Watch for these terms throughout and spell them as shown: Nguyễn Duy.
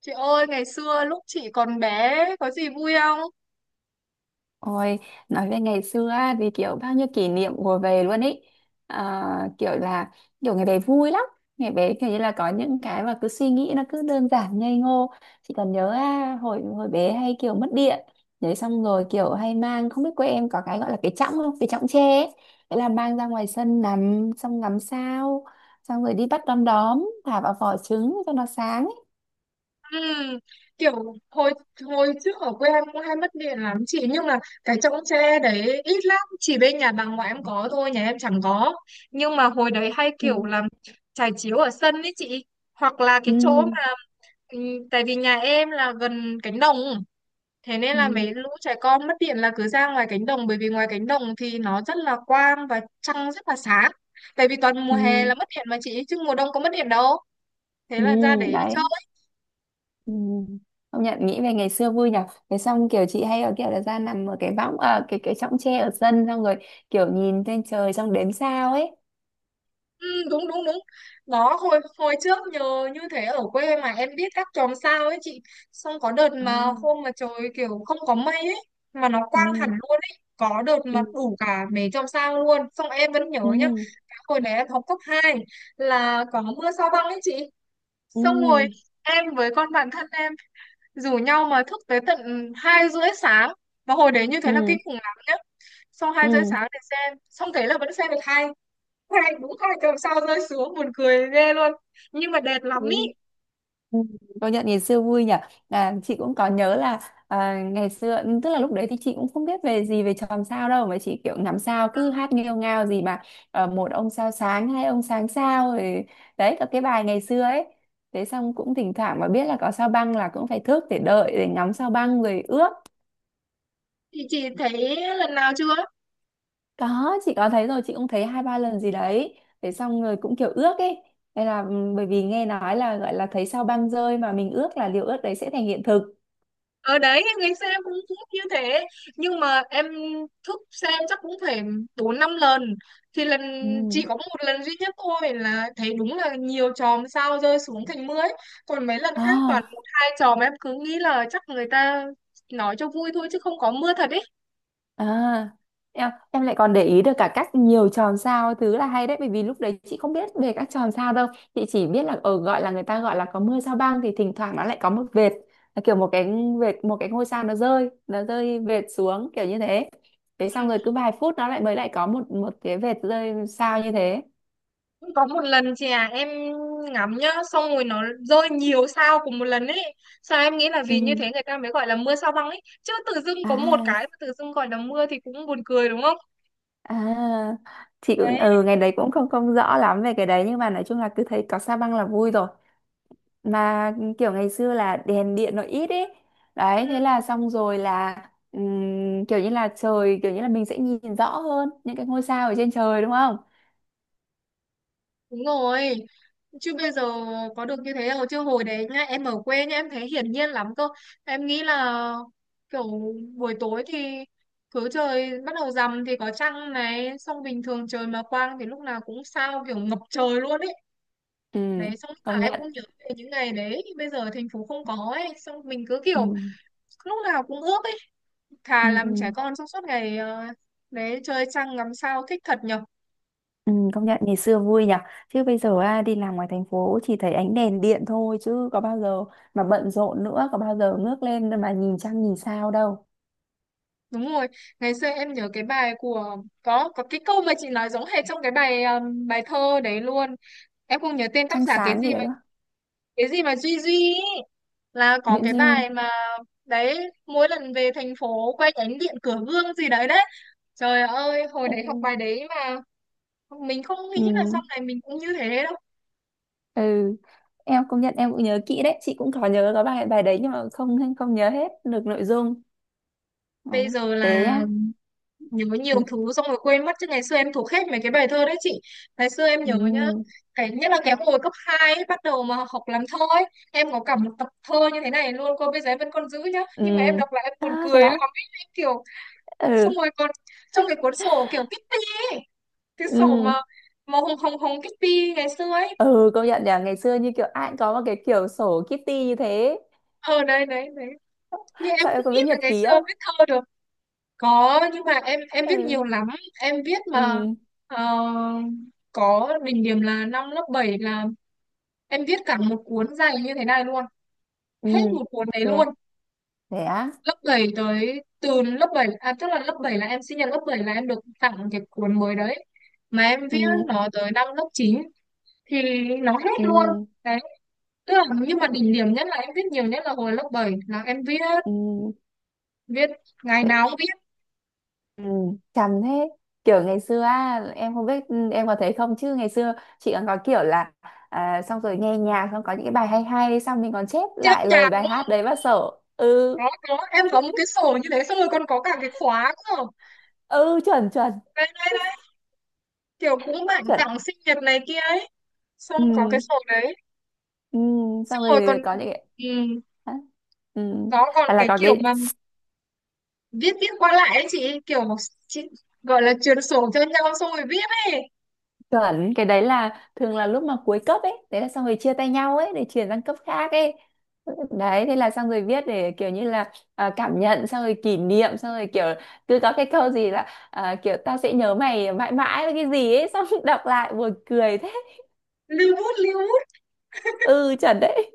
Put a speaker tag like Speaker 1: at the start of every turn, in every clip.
Speaker 1: Chị ơi, ngày xưa lúc chị còn bé có gì vui không?
Speaker 2: Ôi, nói về ngày xưa á, thì kiểu bao nhiêu kỷ niệm ùa về luôn ý. À, kiểu ngày bé vui lắm. Ngày bé kiểu như là có những cái mà cứ suy nghĩ nó cứ đơn giản ngây ngô, chỉ cần nhớ à, hồi hồi bé hay kiểu mất điện. Đấy, xong rồi kiểu hay mang, không biết quê em có cái gọi là cái chõng không, cái chõng tre ấy. Thế là mang ra ngoài sân nằm xong ngắm sao, xong rồi đi bắt đom đóm thả vào vỏ trứng cho nó sáng ấy.
Speaker 1: Ừm, kiểu hồi hồi trước ở quê em cũng hay mất điện lắm chị, nhưng mà cái chõng tre đấy ít lắm, chỉ bên nhà bà ngoại em có thôi, nhà em chẳng có. Nhưng mà hồi đấy hay kiểu
Speaker 2: Ừ.
Speaker 1: làm trải chiếu ở sân ấy chị, hoặc là
Speaker 2: Ừ.
Speaker 1: cái chỗ mà tại vì nhà em là gần cánh đồng. Thế nên là
Speaker 2: Ừ.
Speaker 1: mấy lũ trẻ con mất điện là cứ ra ngoài cánh đồng, bởi vì ngoài cánh đồng thì nó rất là quang và trăng rất là sáng. Tại vì toàn mùa hè
Speaker 2: Ừ.
Speaker 1: là mất điện mà chị, chứ mùa đông có mất điện đâu. Thế
Speaker 2: Ừ.
Speaker 1: là ra để chơi.
Speaker 2: Đấy. Ừ. Công nhận nghĩ về ngày xưa vui nhở. Thế xong kiểu chị hay ở kiểu là ra nằm ở cái võng, ở cái chõng tre ở sân, xong rồi kiểu nhìn lên trời xong đếm sao ấy.
Speaker 1: Ừ, đúng đúng đúng. Đó, hồi hồi trước nhờ như thế ở quê mà em biết các chòm sao ấy chị. Xong có đợt
Speaker 2: À.
Speaker 1: mà hôm mà trời kiểu không có mây ấy, mà nó
Speaker 2: Ừ.
Speaker 1: quang hẳn luôn ấy. Có đợt
Speaker 2: Ừ.
Speaker 1: mà đủ cả mấy chòm sao luôn. Xong em vẫn nhớ
Speaker 2: Ừ.
Speaker 1: nhá. Cái hồi đấy em học cấp 2 là có mưa sao băng ấy chị.
Speaker 2: Ừ.
Speaker 1: Xong rồi em với con bạn thân em rủ nhau mà thức tới tận 2:30 sáng, và hồi đấy như thế là kinh
Speaker 2: Ừ.
Speaker 1: khủng lắm nhá. Xong hai rưỡi
Speaker 2: Ừ.
Speaker 1: sáng để xem, xong thế là vẫn xem được hai hai đúng 2 tuần sau rơi xuống, buồn cười ghê luôn, nhưng mà đẹp
Speaker 2: Ừ.
Speaker 1: lắm ý.
Speaker 2: Ừ, công nhận ngày xưa vui nhỉ. À, chị cũng có nhớ là à, ngày xưa ừ, tức là lúc đấy thì chị cũng không biết về gì về chòm sao đâu, mà chị kiểu ngắm sao cứ hát nghêu ngao gì mà ờ, một ông sao sáng, hai ông sáng sao rồi. Đấy, có cái bài ngày xưa ấy. Thế xong cũng thỉnh thoảng mà biết là có sao băng là cũng phải thức để đợi để ngắm sao băng rồi ước.
Speaker 1: Thì chị thấy lần nào chưa?
Speaker 2: Có, chị có thấy rồi, chị cũng thấy hai ba lần gì đấy. Thế xong rồi cũng kiểu ước ấy. Đây là ừ, bởi vì nghe nói là gọi là thấy sao băng rơi mà mình ước là điều ước đấy sẽ thành hiện thực.
Speaker 1: Ở đấy ngày xưa em cũng thức như thế, nhưng mà em thức xem chắc cũng phải bốn năm lần. Thì lần chỉ
Speaker 2: Ừ.
Speaker 1: có một lần duy nhất thôi là thấy đúng là nhiều chòm sao rơi xuống thành mưa ấy. Còn mấy lần khác toàn
Speaker 2: À.
Speaker 1: một hai chòm, em cứ nghĩ là chắc người ta nói cho vui thôi chứ không có mưa thật ấy.
Speaker 2: À, em lại còn để ý được cả cách nhiều tròn sao thứ là hay đấy, bởi vì lúc đấy chị không biết về các tròn sao đâu. Chị chỉ biết là ở gọi là người ta gọi là có mưa sao băng thì thỉnh thoảng nó lại có một vệt, là kiểu một cái vệt, một cái ngôi sao nó rơi vệt xuống kiểu như thế. Thế xong
Speaker 1: Ừ.
Speaker 2: rồi cứ vài phút nó lại mới lại có một một cái vệt rơi sao như thế.
Speaker 1: Có một lần chị à, em ngắm nhá, xong rồi nó rơi nhiều sao cùng một lần ấy. Sao em nghĩ là
Speaker 2: Ừ.
Speaker 1: vì như thế người ta mới gọi là mưa sao băng ấy chứ, tự dưng có một cái
Speaker 2: À.
Speaker 1: mà tự dưng gọi là mưa thì cũng buồn cười đúng không?
Speaker 2: À, chị cũng
Speaker 1: Đấy.
Speaker 2: ừ, ngày đấy cũng không không rõ lắm về cái đấy, nhưng mà nói chung là cứ thấy có sao băng là vui rồi. Mà kiểu ngày xưa là đèn điện nó ít ấy. Đấy,
Speaker 1: Ừ,
Speaker 2: thế là xong rồi là kiểu như là trời kiểu như là mình sẽ nhìn rõ hơn những cái ngôi sao ở trên trời đúng không.
Speaker 1: đúng rồi, chứ bây giờ có được như thế đâu, chứ hồi đấy nhá, em ở quê nhá, em thấy hiển nhiên lắm cơ. Em nghĩ là kiểu buổi tối thì cứ trời bắt đầu rằm thì có trăng này, xong bình thường trời mà quang thì lúc nào cũng sao, kiểu ngập trời luôn ấy
Speaker 2: Ừ,
Speaker 1: đấy. Xong lúc nào
Speaker 2: công
Speaker 1: em
Speaker 2: nhận.
Speaker 1: cũng nhớ về những ngày đấy, bây giờ thành phố không có ấy, xong mình cứ
Speaker 2: Ừ,
Speaker 1: kiểu lúc nào cũng ước ấy,
Speaker 2: ừ,
Speaker 1: thà làm trẻ con trong suốt ngày. Ờ, Đấy chơi trăng ngắm sao thích thật nhở.
Speaker 2: ừ, công nhận ngày xưa vui nhỉ. Chứ bây giờ à, đi làm ngoài thành phố chỉ thấy ánh đèn điện thôi chứ có bao giờ, mà bận rộn nữa, có bao giờ ngước lên mà nhìn trăng nhìn sao đâu.
Speaker 1: Đúng rồi, ngày xưa em nhớ cái bài của, có cái câu mà chị nói giống hệt trong cái bài bài thơ đấy luôn. Em không nhớ tên tác
Speaker 2: Trăng
Speaker 1: giả, cái
Speaker 2: sáng
Speaker 1: gì
Speaker 2: gì đấy
Speaker 1: mà
Speaker 2: đúng không.
Speaker 1: Duy Duy ý. Là có
Speaker 2: Nguyễn
Speaker 1: cái
Speaker 2: Duy.
Speaker 1: bài mà đấy, mỗi lần về thành phố quay ánh điện cửa gương gì đấy đấy. Trời ơi, hồi
Speaker 2: Ừ.
Speaker 1: đấy học bài đấy mà mình không
Speaker 2: Ừ.
Speaker 1: nghĩ là sau này mình cũng như thế đâu.
Speaker 2: Ừ, em công nhận em cũng nhớ kỹ đấy, chị cũng có nhớ có bài bài đấy, nhưng mà không không nhớ hết được nội dung. Đấy.
Speaker 1: Bây giờ là
Speaker 2: Thế nhá.
Speaker 1: nhớ
Speaker 2: Ừ.
Speaker 1: nhiều thứ xong rồi quên mất, chứ ngày xưa em thuộc hết mấy cái bài thơ đấy chị. Ngày xưa em nhớ nhá,
Speaker 2: Ừ.
Speaker 1: cái nhất là cái hồi cấp 2 ấy, bắt đầu mà học làm thơ ấy, em có cả một tập thơ như thế này luôn cô, bây giờ em vẫn còn giữ nhá,
Speaker 2: Ừ.
Speaker 1: nhưng mà em đọc lại em buồn
Speaker 2: À, thế
Speaker 1: cười
Speaker 2: á.
Speaker 1: lắm ấy, em kiểu xong
Speaker 2: Ừ.
Speaker 1: rồi còn trong cái cuốn sổ kiểu Kitty ấy, cái sổ mà
Speaker 2: Ừ.
Speaker 1: màu hồng hồng hồng Kitty ngày xưa ấy.
Speaker 2: Ừ, công nhận nhỉ, ngày xưa như kiểu ai cũng có một cái kiểu sổ Kitty như thế.
Speaker 1: Ờ đấy đấy đấy, nhưng em
Speaker 2: Sao, em
Speaker 1: không
Speaker 2: có
Speaker 1: nghĩ
Speaker 2: biết
Speaker 1: là
Speaker 2: nhật
Speaker 1: ngày
Speaker 2: ký
Speaker 1: xưa
Speaker 2: không.
Speaker 1: viết thơ được. Có, nhưng mà em viết
Speaker 2: Ừ.
Speaker 1: nhiều lắm. Em viết mà,
Speaker 2: Ừ.
Speaker 1: ờ, có đỉnh điểm là năm lớp 7 là em viết cả một cuốn dày như thế này luôn,
Speaker 2: Ừ.
Speaker 1: hết một cuốn đấy
Speaker 2: thế
Speaker 1: luôn.
Speaker 2: thế á.
Speaker 1: Lớp 7 tới từ lớp 7 à, tức là lớp 7 là em sinh nhật lớp bảy là em được tặng cái cuốn mới đấy, mà em viết
Speaker 2: Ừ.
Speaker 1: nó tới năm lớp 9 thì nó hết luôn
Speaker 2: Ừ.
Speaker 1: đấy. Tức là, nhưng mà đỉnh điểm nhất là em viết nhiều nhất là hồi lớp 7 là em viết,
Speaker 2: Ừ.
Speaker 1: viết ngày nào cũng viết.
Speaker 2: Ừ, chằm thế. Kiểu ngày xưa á, em không biết ừ, em có thấy không, chứ ngày xưa chị còn có kiểu là à, xong rồi nghe nhạc xong có những cái bài hay hay xong mình còn chép
Speaker 1: Chết
Speaker 2: lại lời
Speaker 1: nhàn
Speaker 2: bài
Speaker 1: luôn.
Speaker 2: hát đấy vào sổ. Ừ.
Speaker 1: Có em có một cái sổ như thế, xong rồi còn có cả cái khóa cơ.
Speaker 2: Ừ, chuẩn chuẩn.
Speaker 1: Đây đây đây, kiểu cũng bạn
Speaker 2: Chuẩn.
Speaker 1: tặng sinh nhật này kia ấy, xong
Speaker 2: Ừ,
Speaker 1: có cái sổ đấy.
Speaker 2: ừ.
Speaker 1: Xong
Speaker 2: Xong
Speaker 1: rồi còn
Speaker 2: rồi có những cái.
Speaker 1: ừ,
Speaker 2: Hả? Ừ.
Speaker 1: nó còn
Speaker 2: Hay là
Speaker 1: cái
Speaker 2: có
Speaker 1: kiểu
Speaker 2: cái.
Speaker 1: mà viết viết qua lại ấy chị, kiểu chị gọi là truyền sổ cho nhau xong rồi viết ấy.
Speaker 2: Chuẩn, cái đấy là thường là lúc mà cuối cấp ấy, đấy là xong rồi chia tay nhau ấy để chuyển sang cấp khác ấy. Đấy, thế là xong rồi viết để kiểu như là à, cảm nhận, xong rồi kỷ niệm, xong rồi kiểu cứ có cái câu gì là à, kiểu tao sẽ nhớ mày mãi mãi với cái gì ấy, xong đọc lại buồn cười thế.
Speaker 1: Lưu bút lưu bút
Speaker 2: Ừ, chuẩn đấy.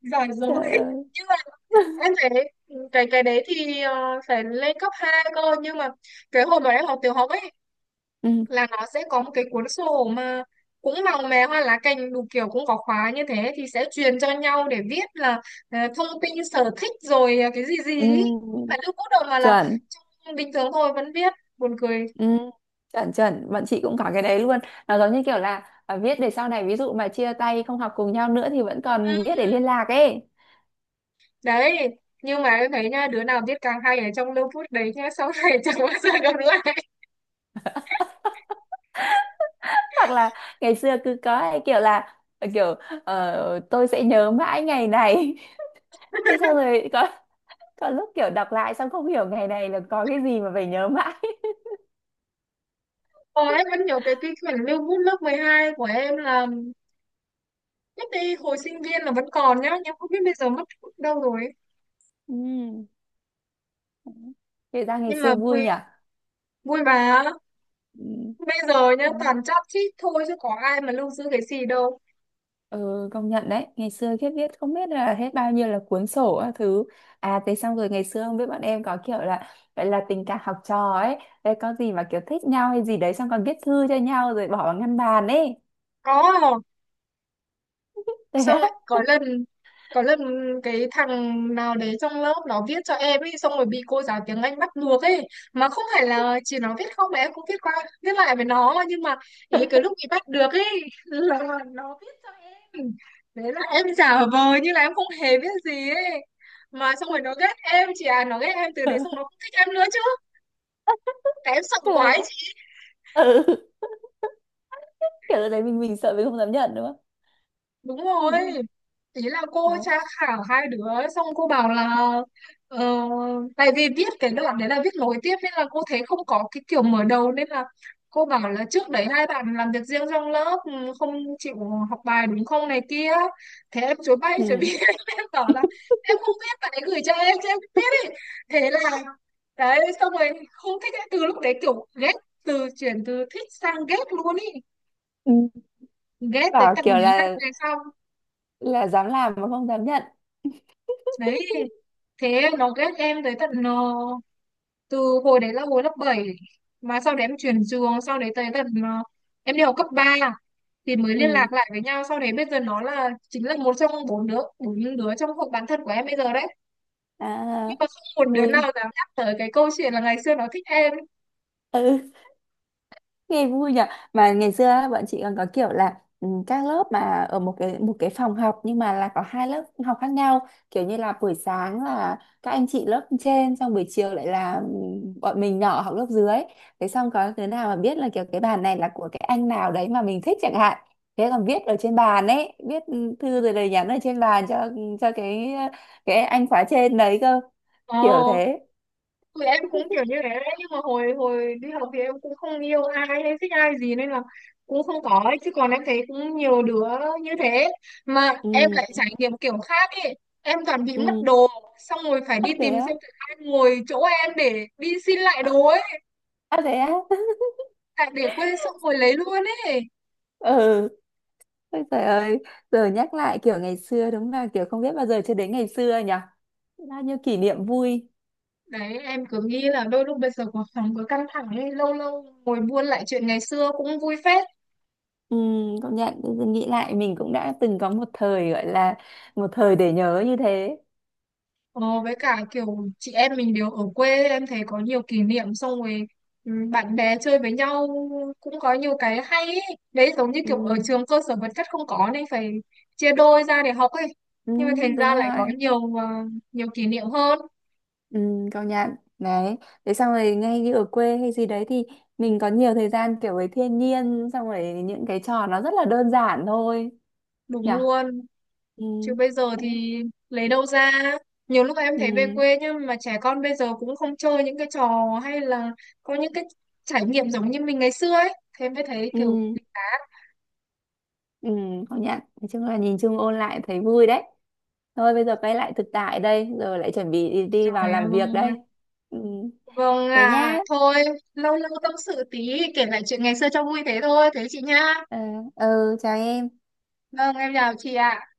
Speaker 1: giỏi rồi
Speaker 2: Trời ơi.
Speaker 1: nhưng mà em thấy cái đấy thì phải lên cấp 2 cơ, nhưng mà cái hồi mà em học tiểu học ấy
Speaker 2: Ừ,
Speaker 1: là nó sẽ có một cái cuốn sổ mà cũng màu mè hoa lá cành đủ kiểu cũng có khóa như thế, thì sẽ truyền cho nhau để viết là thông tin sở thích rồi cái gì gì ý. Không
Speaker 2: ừ,
Speaker 1: phải lưu bút đâu mà là
Speaker 2: chuẩn.
Speaker 1: bình thường thôi vẫn viết, buồn cười.
Speaker 2: Ừ, chuẩn chuẩn, bọn chị cũng có cái đấy luôn. Nó giống như kiểu là à, viết để sau này ví dụ mà chia tay không học cùng nhau nữa thì vẫn
Speaker 1: Ừm,
Speaker 2: còn viết để liên lạc ấy.
Speaker 1: đấy, nhưng mà em thấy nha, đứa nào viết càng hay ở trong lưu bút đấy nhá, sau này chẳng bao giờ gặp lại.
Speaker 2: Hoặc là ngày xưa cứ có cái kiểu là ờ, kiểu ờ, tôi sẽ nhớ mãi ngày này. Thế xong rồi có lúc kiểu đọc lại xong không hiểu ngày này là có cái gì mà phải nhớ mãi.
Speaker 1: Còn em vẫn nhớ cái quyển lưu bút lớp 12 của em là lúc đi hồi sinh viên là vẫn còn nhá, nhưng không biết bây giờ mất đâu rồi ấy.
Speaker 2: Ừ. Kể ra ngày
Speaker 1: Nhưng mà
Speaker 2: xưa vui
Speaker 1: vui,
Speaker 2: nhỉ.
Speaker 1: vui mà,
Speaker 2: Ừ.
Speaker 1: bây giờ nhá
Speaker 2: Đấy.
Speaker 1: toàn chát chít thôi chứ có ai mà lưu giữ cái gì đâu.
Speaker 2: Ừ, công nhận đấy, ngày xưa khiếp viết không biết là hết bao nhiêu là cuốn sổ các thứ. À, thế xong rồi ngày xưa không biết bọn em có kiểu là vậy là tình cảm học trò ấy. Đấy, có gì mà kiểu thích nhau hay gì đấy xong còn viết thư cho nhau rồi bỏ vào ngăn bàn ấy.
Speaker 1: Có.
Speaker 2: Thế
Speaker 1: Xong
Speaker 2: á.
Speaker 1: lại có lần, có lần cái thằng nào đấy trong lớp nó viết cho em ấy, xong rồi bị cô giáo tiếng Anh bắt ngược ấy, mà không phải là chỉ nó viết không mà em cũng viết qua viết lại với nó, nhưng mà ý cái lúc bị bắt được ấy là nó viết cho em đấy, là em giả vờ như là em không hề biết gì ấy, mà xong rồi nó ghét em chị à, nó ghét em từ đấy, xong nó không thích em nữa chứ, tại em sợ
Speaker 2: Trời
Speaker 1: quá ấy
Speaker 2: ạ.
Speaker 1: chị.
Speaker 2: Ừ, kiểu lúc đấy mình sợ mình không dám nhận nữa.
Speaker 1: Đúng rồi,
Speaker 2: Ừ.
Speaker 1: ý là cô
Speaker 2: Đấy.
Speaker 1: tra khảo hai đứa, xong cô bảo là ờ, tại vì viết cái đoạn đấy là viết nối tiếp nên là cô thấy không có cái kiểu mở đầu, nên là cô bảo là trước đấy hai bạn làm việc riêng trong lớp, không chịu học bài đúng không này kia. Thế em chối bay chối
Speaker 2: Ừ.
Speaker 1: bị em bảo là em không biết, bạn ấy gửi cho em chứ em không biết ấy. Thế là đấy xong rồi không thích ấy. Từ lúc đấy kiểu ghét, từ chuyển từ thích sang ghét luôn ý,
Speaker 2: Ừ.
Speaker 1: ghét tới
Speaker 2: Bảo
Speaker 1: tận
Speaker 2: kiểu
Speaker 1: mấy năm
Speaker 2: là
Speaker 1: về sau
Speaker 2: là dám làm mà không dám nhận.
Speaker 1: đấy. Thế nó ghét em tới tận, từ hồi đấy là hồi lớp bảy, mà sau đấy em chuyển trường, sau đấy tới tận, em đi học cấp 3 thì mới liên
Speaker 2: Ừ.
Speaker 1: lạc lại với nhau. Sau đấy bây giờ nó là chính là một trong bốn đứa, trong hội bạn thân của em bây giờ đấy,
Speaker 2: À,
Speaker 1: nhưng mà không một đứa
Speaker 2: vui.
Speaker 1: nào dám nhắc tới cái câu chuyện là ngày xưa nó thích em.
Speaker 2: Ừ. Nghe vui nhỉ. Mà ngày xưa á, bọn chị còn có kiểu là ừ, các lớp mà ở một cái phòng học nhưng mà là có hai lớp học khác nhau, kiểu như là buổi sáng là các anh chị lớp trên, xong buổi chiều lại là ừ, bọn mình nhỏ học lớp dưới. Thế xong có đứa nào mà biết là kiểu cái bàn này là của cái anh nào đấy mà mình thích chẳng hạn, thế còn viết ở trên bàn ấy, viết ừ, thư rồi lời nhắn ở trên bàn cho cái anh khóa trên đấy cơ.
Speaker 1: Ờ
Speaker 2: Kiểu thế.
Speaker 1: thì em cũng kiểu như thế đấy, nhưng mà hồi hồi đi học thì em cũng không yêu ai hay thích ai gì nên là cũng không có ấy. Chứ còn em thấy cũng nhiều đứa như thế, mà em lại
Speaker 2: Ừ.
Speaker 1: trải nghiệm kiểu khác ấy, em toàn bị mất
Speaker 2: Ừ.
Speaker 1: đồ xong rồi phải
Speaker 2: À,
Speaker 1: đi
Speaker 2: thế
Speaker 1: tìm
Speaker 2: á.
Speaker 1: xem thử ai ngồi chỗ em để đi xin lại đồ ấy,
Speaker 2: À, thế á.
Speaker 1: tại để quên xong rồi lấy luôn ấy.
Speaker 2: Ừ. Ôi trời ơi, giờ nhắc lại kiểu ngày xưa đúng là kiểu không biết bao giờ chưa đến ngày xưa nhỉ. Bao nhiêu kỷ niệm vui.
Speaker 1: Đấy em cứ nghĩ là đôi lúc bây giờ cuộc sống cứ căng thẳng ấy, lâu lâu ngồi buôn lại chuyện ngày xưa cũng vui phết.
Speaker 2: Ừ, công nhận giờ nghĩ lại mình cũng đã từng có một thời gọi là một thời để nhớ như thế.
Speaker 1: Ờ, với cả kiểu chị em mình đều ở quê, em thấy có nhiều kỷ niệm, xong rồi bạn bè chơi với nhau cũng có nhiều cái hay ấy. Đấy giống như
Speaker 2: Ừ,
Speaker 1: kiểu ở trường cơ sở vật chất không có nên phải chia đôi ra để học ấy,
Speaker 2: ừ
Speaker 1: nhưng mà thành
Speaker 2: đúng
Speaker 1: ra lại
Speaker 2: rồi.
Speaker 1: có nhiều kỷ niệm hơn.
Speaker 2: Ừ, công nhận. Đấy, thế xong rồi ngay như ở quê hay gì đấy thì mình có nhiều thời gian kiểu với thiên nhiên xong rồi những cái trò nó rất là đơn giản thôi nhỉ.
Speaker 1: Đúng luôn,
Speaker 2: Ừ.
Speaker 1: chứ bây giờ
Speaker 2: Đấy.
Speaker 1: thì lấy đâu ra. Nhiều lúc em
Speaker 2: Ừ.
Speaker 1: thấy về quê nhưng mà trẻ con bây giờ cũng không chơi những cái trò, hay là có những cái trải nghiệm giống như mình ngày xưa ấy, thế mới thấy kiểu.
Speaker 2: Ừ. Ừ, công nhận. Nói chung là nhìn chung ôn lại thấy vui đấy. Thôi bây giờ quay lại thực tại đây, rồi lại chuẩn bị đi, đi vào
Speaker 1: Trời ơi.
Speaker 2: làm việc đây. Ừ,
Speaker 1: Vâng,
Speaker 2: thế
Speaker 1: à,
Speaker 2: nhá.
Speaker 1: thôi, lâu lâu tâm sự tí, kể lại chuyện ngày xưa cho vui thế thôi, thế chị nhá.
Speaker 2: Ờ, ừ, chào em.
Speaker 1: Vâng, em chào chị ạ.